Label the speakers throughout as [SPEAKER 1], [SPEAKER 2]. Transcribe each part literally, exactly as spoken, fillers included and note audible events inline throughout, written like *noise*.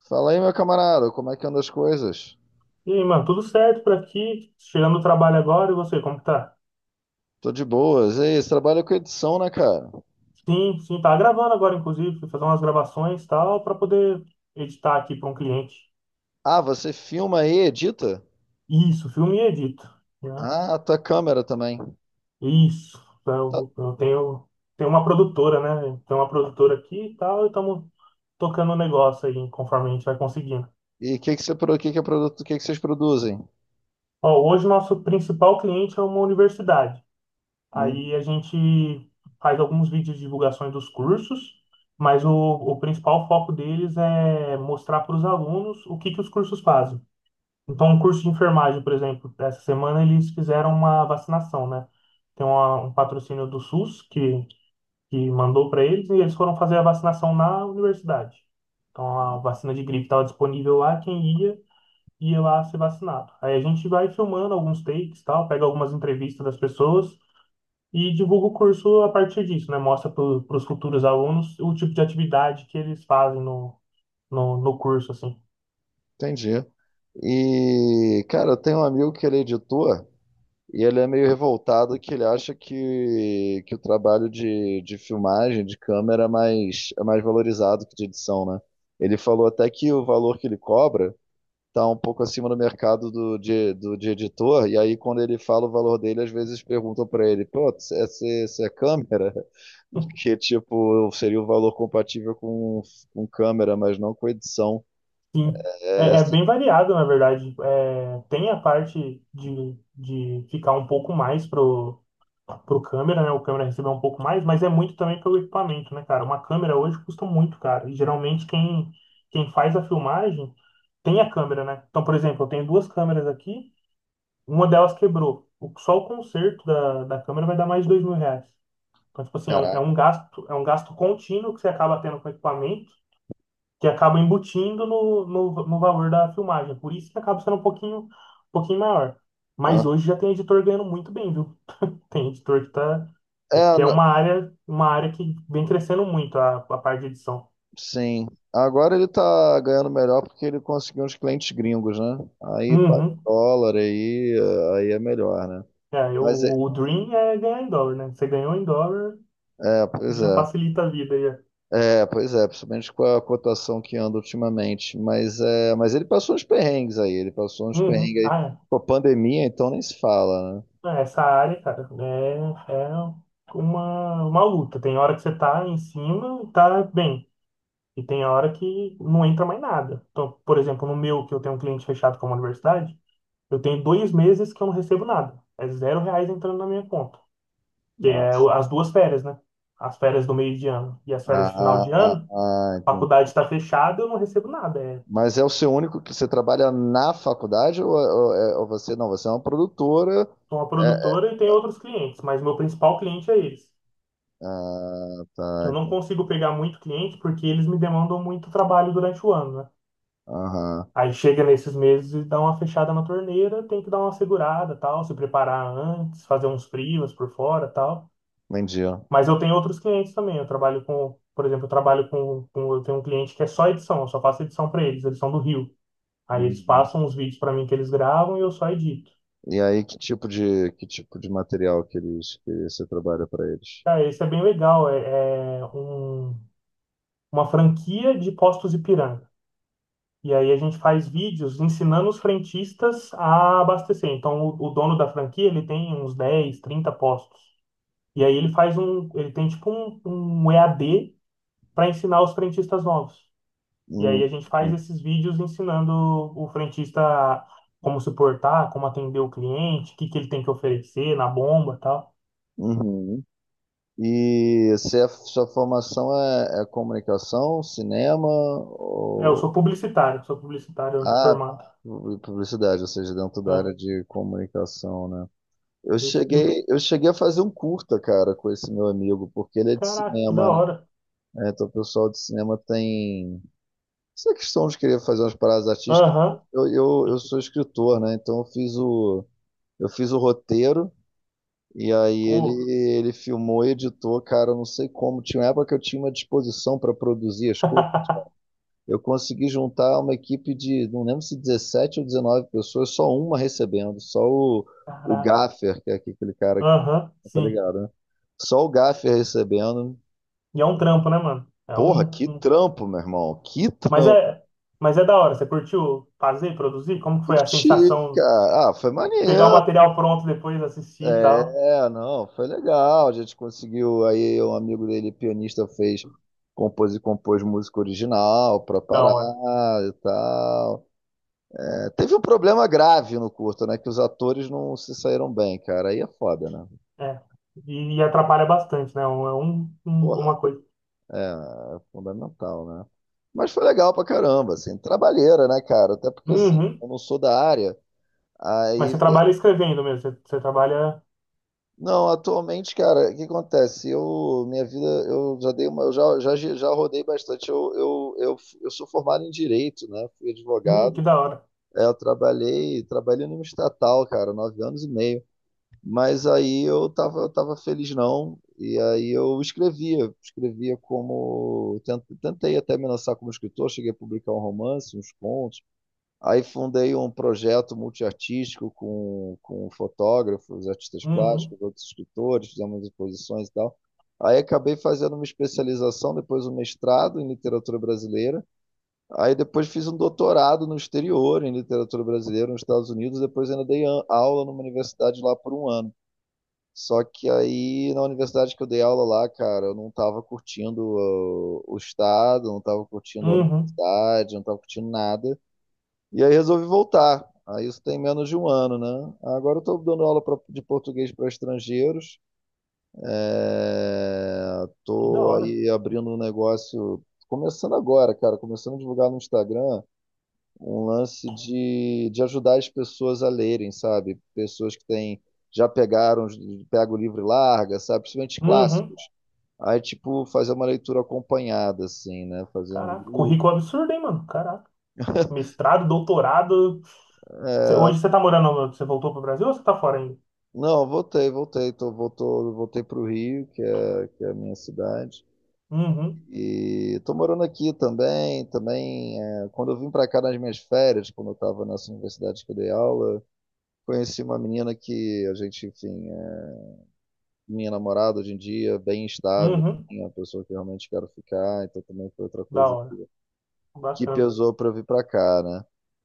[SPEAKER 1] Fala aí, meu camarada, como é que andam as coisas?
[SPEAKER 2] E aí, mano, tudo certo por aqui? Chegando do trabalho agora, e você, como que tá?
[SPEAKER 1] Tô de boas. Ei, você trabalha com edição, né, cara?
[SPEAKER 2] Sim, sim, tá gravando agora, inclusive, fui fazer umas gravações e tal, pra poder editar aqui pra um cliente.
[SPEAKER 1] Ah, você filma e edita?
[SPEAKER 2] Isso, filme e edito, né?
[SPEAKER 1] Ah, a tua câmera também.
[SPEAKER 2] Isso,
[SPEAKER 1] Tá.
[SPEAKER 2] eu, eu tenho, tenho uma produtora, né? Tenho uma produtora aqui e tal, e estamos tocando o negócio aí, conforme a gente vai conseguindo.
[SPEAKER 1] E o que que você, pro- que que é produto, que que vocês produzem?
[SPEAKER 2] Ó, hoje o nosso principal cliente é uma universidade.
[SPEAKER 1] Hum,
[SPEAKER 2] Aí a gente faz alguns vídeos de divulgações dos cursos, mas o, o principal foco deles é mostrar para os alunos o que que os cursos fazem. Então, o curso de enfermagem, por exemplo, essa semana eles fizeram uma vacinação, né? Tem uma- um patrocínio do SUS que, que mandou para eles e eles foram fazer a vacinação na universidade. Então, a vacina de gripe estava disponível lá, quem ia, ia lá ser vacinado. Aí a gente vai filmando alguns takes, tal, pega algumas entrevistas das pessoas e divulga o curso a partir disso, né? Mostra para os futuros alunos o tipo de atividade que eles fazem no, no, no curso, assim.
[SPEAKER 1] entendi. E, cara, eu tenho um amigo que ele é editor e ele é meio revoltado que ele acha que, que o trabalho de, de filmagem, de câmera, é mais, é mais valorizado que de edição, né? Ele falou até que o valor que ele cobra está um pouco acima do mercado do, de, do, de editor, e aí quando ele fala o valor dele, às vezes perguntam para ele, pô, essa, essa é câmera? *laughs*
[SPEAKER 2] *laughs*
[SPEAKER 1] Que, tipo, seria o valor compatível com, com câmera, mas não com edição.
[SPEAKER 2] Sim, é,
[SPEAKER 1] É,
[SPEAKER 2] é
[SPEAKER 1] se-
[SPEAKER 2] bem variado, na verdade. É, tem a parte de, de ficar um pouco mais pro, pro câmera, né? O câmera receber um pouco mais, mas é muito também pelo equipamento, né, cara? Uma câmera hoje custa muito caro. E geralmente quem, quem faz a filmagem tem a câmera, né? Então, por exemplo, eu tenho duas câmeras aqui. Uma delas quebrou. O- Só o conserto da, da câmera vai dar mais de dois mil reais. Então, tipo assim, é um, é
[SPEAKER 1] caraca.
[SPEAKER 2] um gasto, é um gasto contínuo que você acaba tendo com o equipamento, que acaba embutindo no, no, no valor da filmagem. Por isso que acaba sendo um pouquinho, um pouquinho maior.
[SPEAKER 1] Hã?
[SPEAKER 2] Mas hoje já tem editor ganhando muito bem, viu? Tem editor que tá. É
[SPEAKER 1] É,
[SPEAKER 2] porque é
[SPEAKER 1] n-
[SPEAKER 2] uma área, uma área que vem crescendo muito a, a parte de edição.
[SPEAKER 1] sim. Agora ele tá ganhando melhor porque ele conseguiu uns clientes gringos, né? Aí paga em
[SPEAKER 2] Uhum.
[SPEAKER 1] dólar, aí, aí é melhor, né?
[SPEAKER 2] É, eu-
[SPEAKER 1] Mas, é,
[SPEAKER 2] o Dream é ganhar em dólar, né? Você ganhou em dólar,
[SPEAKER 1] é, pois
[SPEAKER 2] já
[SPEAKER 1] é.
[SPEAKER 2] facilita a vida. Já.
[SPEAKER 1] É, pois é, principalmente com a cotação que anda ultimamente. Mas, é, mas ele passou uns perrengues aí, ele passou uns
[SPEAKER 2] Uhum.
[SPEAKER 1] perrengues aí.
[SPEAKER 2] Ah, é.
[SPEAKER 1] Com a pandemia, então nem se fala, né?
[SPEAKER 2] É, Essa área, cara, é, é uma, uma luta. Tem hora que você tá em cima e tá bem. E tem hora que não entra mais nada. Então, por exemplo, no meu, que eu tenho um cliente fechado com uma universidade, eu tenho dois meses que eu não recebo nada. É zero reais entrando na minha conta. Que é
[SPEAKER 1] Nossa.
[SPEAKER 2] o- as duas férias, né? As férias do meio de ano e as férias
[SPEAKER 1] Ah,
[SPEAKER 2] de final
[SPEAKER 1] ah,
[SPEAKER 2] de
[SPEAKER 1] ah,
[SPEAKER 2] ano,
[SPEAKER 1] ah,
[SPEAKER 2] a
[SPEAKER 1] entendi.
[SPEAKER 2] faculdade está fechada, eu não recebo nada. É,
[SPEAKER 1] Mas é o seu único que você trabalha na faculdade ou, ou- é- ou você não? Você é uma produtora.
[SPEAKER 2] sou uma
[SPEAKER 1] é-
[SPEAKER 2] produtora e tenho outros clientes, mas meu principal cliente é eles.
[SPEAKER 1] ah,
[SPEAKER 2] eu
[SPEAKER 1] tá.
[SPEAKER 2] não
[SPEAKER 1] ent-
[SPEAKER 2] consigo pegar muito cliente porque eles me demandam muito trabalho durante o ano, né?
[SPEAKER 1] Aham,
[SPEAKER 2] Aí chega nesses meses e dá uma fechada na torneira, tem que dar uma segurada, tal, se preparar antes, fazer uns frios por fora, tal.
[SPEAKER 1] entendi. Ó.
[SPEAKER 2] Mas eu tenho outros clientes também. Eu trabalho com, por exemplo, eu trabalho com, com- eu tenho um cliente que é só edição, eu só faço edição para eles, eles são do Rio. Aí eles
[SPEAKER 1] Uhum.
[SPEAKER 2] passam os vídeos para mim que eles gravam e eu só edito.
[SPEAKER 1] E aí, que tipo de, que tipo de material que eles, que você trabalha para eles?
[SPEAKER 2] Cara, isso é bem legal, é, é um- uma franquia de Postos Ipiranga. E aí a gente faz vídeos ensinando os frentistas a abastecer. Então o, o dono da franquia, ele tem uns dez trinta postos. E aí ele faz um, ele tem tipo um, um E A D para ensinar os frentistas novos. E aí
[SPEAKER 1] Uhum.
[SPEAKER 2] a gente faz esses vídeos ensinando o frentista como se portar, como atender o cliente, o que que ele tem que oferecer na bomba, e tal.
[SPEAKER 1] Uhum, e se a sua formação é, é comunicação, cinema
[SPEAKER 2] É, eu
[SPEAKER 1] ou
[SPEAKER 2] sou publicitário, sou publicitário
[SPEAKER 1] ah,
[SPEAKER 2] formado,
[SPEAKER 1] pu- publicidade, ou seja, dentro da
[SPEAKER 2] né?
[SPEAKER 1] área de comunicação, né? Eu
[SPEAKER 2] Esse- e o-
[SPEAKER 1] cheguei, eu cheguei a fazer um curta, cara, com esse meu amigo, porque ele é de
[SPEAKER 2] Caraca, que da
[SPEAKER 1] cinema, né?
[SPEAKER 2] hora.
[SPEAKER 1] É, então o pessoal de cinema tem essa questão de querer fazer umas paradas artísticas.
[SPEAKER 2] Aham.
[SPEAKER 1] Eu, eu,
[SPEAKER 2] E,
[SPEAKER 1] eu sou escritor, né? Então eu fiz o, eu fiz o roteiro. E aí ele,
[SPEAKER 2] Pô,
[SPEAKER 1] ele filmou, editou, cara, eu não sei como. Tinha uma época que eu tinha uma disposição para produzir as coisas. Eu consegui juntar uma equipe de, não lembro se dezessete ou dezenove pessoas, só uma recebendo, só o, o
[SPEAKER 2] caraca.
[SPEAKER 1] Gaffer, que é aquele cara que
[SPEAKER 2] Aham,
[SPEAKER 1] tá
[SPEAKER 2] sim.
[SPEAKER 1] ligado, né? Só o Gaffer recebendo.
[SPEAKER 2] E é um trampo, né, mano? É
[SPEAKER 1] Porra,
[SPEAKER 2] um,
[SPEAKER 1] que
[SPEAKER 2] um-
[SPEAKER 1] trampo, meu irmão. Que
[SPEAKER 2] Mas
[SPEAKER 1] trampo.
[SPEAKER 2] é, mas é da hora. Você curtiu fazer, produzir? Como que foi a
[SPEAKER 1] Curti,
[SPEAKER 2] sensação?
[SPEAKER 1] cara. Ah, foi
[SPEAKER 2] Pegar o
[SPEAKER 1] maneiro.
[SPEAKER 2] material pronto depois, assistir e tal.
[SPEAKER 1] É, não, foi legal. A gente conseguiu. Aí um amigo dele, pianista, fez, compôs e compôs música original pra
[SPEAKER 2] Da
[SPEAKER 1] parar
[SPEAKER 2] hora.
[SPEAKER 1] e tal. É, teve um problema grave no curto, né? Que os atores não se saíram bem, cara. Aí é foda, né?
[SPEAKER 2] É. E, e atrapalha bastante, né? É um, um- uma
[SPEAKER 1] Porra,
[SPEAKER 2] coisa.
[SPEAKER 1] é, é fundamental, né? Mas foi legal pra caramba, assim, trabalheira, né, cara? Até porque assim, eu
[SPEAKER 2] Uhum.
[SPEAKER 1] não sou da área.
[SPEAKER 2] Mas você
[SPEAKER 1] Aí.
[SPEAKER 2] trabalha escrevendo mesmo. Você, você trabalha.
[SPEAKER 1] Não, atualmente, cara, o que acontece? Eu, minha vida, eu já dei uma, eu já, já, já rodei bastante. Eu, eu, eu, eu sou formado em direito, né? Fui
[SPEAKER 2] Hum, que
[SPEAKER 1] advogado.
[SPEAKER 2] da hora.
[SPEAKER 1] É, eu trabalhei, trabalhei numa estatal, cara, nove anos e meio. Mas aí eu tava, eu tava feliz não. E aí eu escrevia, escrevia como tent- tentei até me lançar como escritor, cheguei a publicar um romance, uns contos. Aí fundei um projeto multiartístico com, com fotógrafos, artistas
[SPEAKER 2] Uhum.
[SPEAKER 1] plásticos, outros escritores, fizemos exposições e tal. Aí acabei fazendo uma especialização, depois um mestrado em literatura brasileira. Aí depois fiz um doutorado no exterior em literatura brasileira nos Estados Unidos. Depois ainda dei a- aula numa universidade lá por um ano. Só que aí na universidade que eu dei aula lá, cara, eu não estava curtindo uh, o estado, não estava curtindo a
[SPEAKER 2] Uhum.
[SPEAKER 1] universidade, não estava curtindo nada. E aí resolvi voltar. Aí isso tem menos de um ano, né? Agora eu estou dando aula pra- de português para estrangeiros.
[SPEAKER 2] Que da
[SPEAKER 1] Estou
[SPEAKER 2] hora.
[SPEAKER 1] aí abrindo um negócio, começando agora, cara, começando a divulgar no Instagram um lance de, de ajudar as pessoas a lerem, sabe? Pessoas que têm, já pegaram, pega o livro e larga, sabe? Principalmente
[SPEAKER 2] Uhum.
[SPEAKER 1] clássicos. Aí, tipo, fazer uma leitura acompanhada, assim, né? Fazer um
[SPEAKER 2] Caraca.
[SPEAKER 1] grupo.
[SPEAKER 2] Currículo absurdo, hein, mano? Caraca.
[SPEAKER 1] *laughs*
[SPEAKER 2] Mestrado, doutorado. Você- hoje você tá morando. no- Você voltou pro Brasil ou você tá fora ainda?
[SPEAKER 1] Não, voltei, voltei. Tô, voltou, voltei para o Rio, que é, que é a minha cidade.
[SPEAKER 2] Uhum.
[SPEAKER 1] E tô morando aqui também. Também, é, quando eu vim para cá nas minhas férias, quando eu estava nessa universidade que eu dei aula, conheci uma menina que a gente, enfim, é minha namorada hoje em dia, bem estável,
[SPEAKER 2] Uhum.
[SPEAKER 1] assim, é uma pessoa que eu realmente quero ficar. Então também foi outra
[SPEAKER 2] Da
[SPEAKER 1] coisa
[SPEAKER 2] hora,
[SPEAKER 1] que
[SPEAKER 2] bacana.
[SPEAKER 1] pesou para vir para cá, né?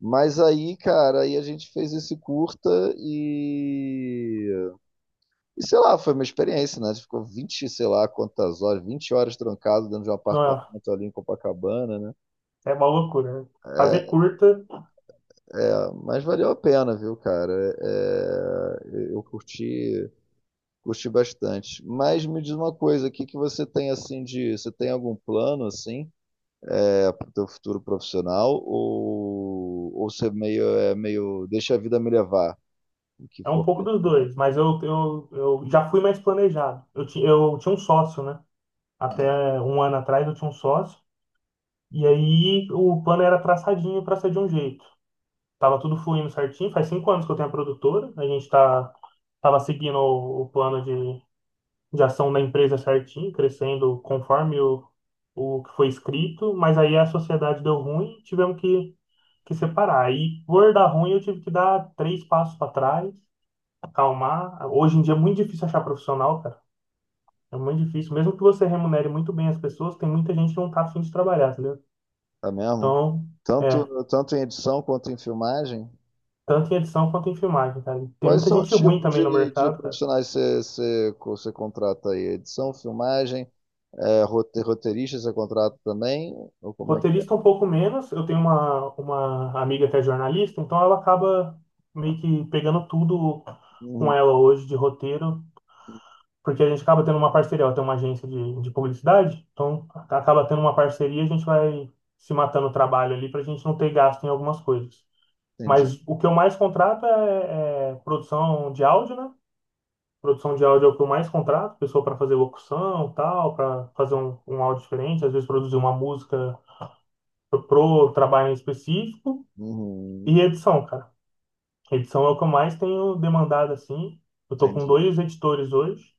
[SPEAKER 1] Mas aí, cara, aí a gente fez esse curta. e E sei lá, foi uma experiência, né? Você ficou vinte sei lá quantas horas, vinte horas trancado dentro de um
[SPEAKER 2] Não, é
[SPEAKER 1] apartamento ali em Copacabana, né?
[SPEAKER 2] é uma loucura, né? Fazer curta
[SPEAKER 1] É, mas valeu a pena, viu, cara? É, é, eu curti, curti bastante. Mas me diz uma coisa, o que que você tem assim de, você tem algum plano assim, é, pro teu futuro profissional ou ou você é meio é meio deixa a vida me levar, o que
[SPEAKER 2] é um
[SPEAKER 1] for.
[SPEAKER 2] pouco dos dois, mas eu, eu, eu já fui mais planejado. Eu, ti- eu tinha um sócio, né? Até um ano atrás eu tinha um sócio, e aí o plano era traçadinho para ser de um jeito. Tava tudo fluindo certinho, faz cinco anos que eu tenho a produtora, a gente tá, tava seguindo o, o plano de, de ação da empresa certinho, crescendo conforme o, o que foi escrito, mas aí a sociedade deu ruim, tivemos que que separar. Aí, por dar ruim, eu tive que dar três passos para trás, acalmar. Hoje em dia é muito difícil achar profissional, cara. É muito difícil. Mesmo que você remunere muito bem as pessoas, tem muita gente que não tá afim de trabalhar, entendeu?
[SPEAKER 1] Tá mesmo?
[SPEAKER 2] Então,
[SPEAKER 1] Tanto
[SPEAKER 2] é,
[SPEAKER 1] tanto em edição quanto em filmagem?
[SPEAKER 2] tanto em edição quanto em filmagem, cara. Tem
[SPEAKER 1] Quais
[SPEAKER 2] muita
[SPEAKER 1] são os
[SPEAKER 2] gente ruim
[SPEAKER 1] tipos
[SPEAKER 2] também no
[SPEAKER 1] de, de
[SPEAKER 2] mercado, cara.
[SPEAKER 1] profissionais você você- você contrata aí? Edição, filmagem, é, rote- roteirista você contrata também? Ou
[SPEAKER 2] O
[SPEAKER 1] como é que é?
[SPEAKER 2] roteirista um pouco menos. Eu tenho uma, uma amiga que é jornalista, então ela acaba meio que pegando tudo com
[SPEAKER 1] Uhum,
[SPEAKER 2] ela hoje de roteiro porque a gente acaba tendo uma parceria, ela tem uma agência de, de publicidade, então acaba tendo uma parceria, a gente vai se matando o trabalho ali para a gente não ter gasto em algumas coisas.
[SPEAKER 1] entendi.
[SPEAKER 2] Mas o que eu mais contrato é, é produção de áudio, né? Produção de áudio é o que eu mais contrato, pessoa para fazer locução, tal, para fazer um, um áudio diferente, às vezes produzir uma música pro, pro trabalho em específico
[SPEAKER 1] Uhum,
[SPEAKER 2] e edição, cara. Edição é o que eu mais tenho demandado assim. Eu tô com
[SPEAKER 1] entendi.
[SPEAKER 2] dois editores hoje.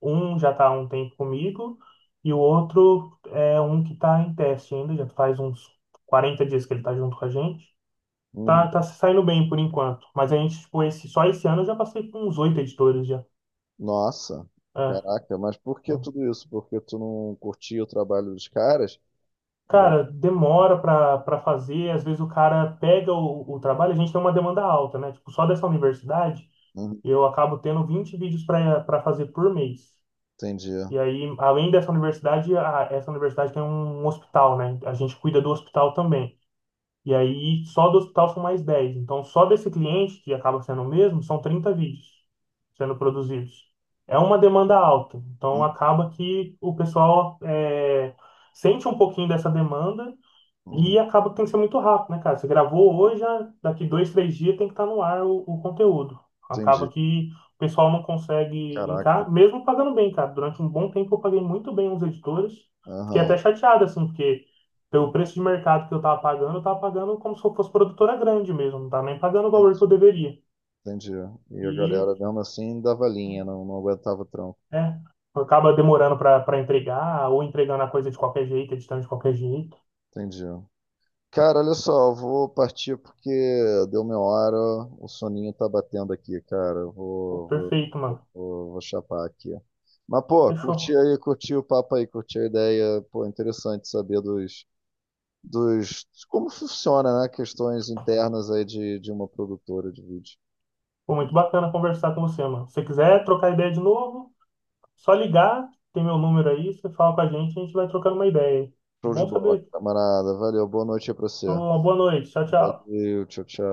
[SPEAKER 2] Um já está há um tempo comigo e o outro é um que está em teste ainda, já faz uns quarenta dias que ele está junto com a gente. Tá,
[SPEAKER 1] Uhum.
[SPEAKER 2] tá se saindo bem por enquanto, mas a gente, tipo, esse, só esse ano eu já passei por uns oito editores já.
[SPEAKER 1] Nossa,
[SPEAKER 2] É,
[SPEAKER 1] caraca, mas por que
[SPEAKER 2] então,
[SPEAKER 1] tudo isso? Porque tu não curtia o trabalho dos caras? Ou-
[SPEAKER 2] cara, demora para para fazer, às vezes o cara pega o, o trabalho, a gente tem uma demanda alta, né? Tipo, só dessa universidade
[SPEAKER 1] Uhum,
[SPEAKER 2] eu acabo tendo vinte vídeos para para fazer por mês.
[SPEAKER 1] entendi.
[SPEAKER 2] E aí, além dessa universidade, a- essa universidade tem um hospital, né? A gente cuida do hospital também. E aí, só do hospital são mais dez Então, só desse cliente, que acaba sendo o mesmo, são trinta vídeos sendo produzidos. É uma demanda alta. Então,
[SPEAKER 1] Uhum,
[SPEAKER 2] acaba que o pessoal é, sente um pouquinho dessa demanda
[SPEAKER 1] uhum,
[SPEAKER 2] e acaba que tem que ser muito rápido, né, cara? Você gravou hoje, já daqui dois, três dias tem que estar no ar o, o conteúdo. Acaba
[SPEAKER 1] entendi.
[SPEAKER 2] que o pessoal não consegue
[SPEAKER 1] Caraca, tem.
[SPEAKER 2] linkar, mesmo pagando bem, cara. Durante um bom tempo eu paguei muito bem os editores. Fiquei
[SPEAKER 1] Aham,
[SPEAKER 2] até chateado, assim, porque pelo preço de mercado que eu tava pagando, eu tava pagando como se eu fosse produtora grande mesmo. Não tava nem pagando o valor que eu
[SPEAKER 1] entendi,
[SPEAKER 2] deveria.
[SPEAKER 1] entendi. E a
[SPEAKER 2] E,
[SPEAKER 1] galera mesmo assim dava linha, não, não aguentava o tranco.
[SPEAKER 2] é, acaba demorando pra, pra entregar, ou entregando a coisa de qualquer jeito, editando de qualquer jeito.
[SPEAKER 1] Entendi. Cara, olha só, eu vou partir porque deu minha hora, o soninho tá batendo aqui, cara. Eu
[SPEAKER 2] Pô,
[SPEAKER 1] Vou, vou,
[SPEAKER 2] perfeito, mano.
[SPEAKER 1] vou, vou chapar aqui. Mas, pô, curti
[SPEAKER 2] Fechou.
[SPEAKER 1] aí, curti o papo aí, curti a ideia. Pô, interessante saber dos, dos, de como funciona, né? Questões internas aí de, de uma produtora de vídeo.
[SPEAKER 2] Foi muito bacana conversar com você, mano. Se você quiser trocar ideia de novo, só ligar, tem meu número aí, você fala com a gente, a gente vai trocando uma ideia.
[SPEAKER 1] Show de
[SPEAKER 2] Bom
[SPEAKER 1] bola,
[SPEAKER 2] saber.
[SPEAKER 1] camarada. Valeu, boa noite aí pra você.
[SPEAKER 2] Então, uma boa noite. Tchau, tchau.
[SPEAKER 1] Valeu, tchau, tchau.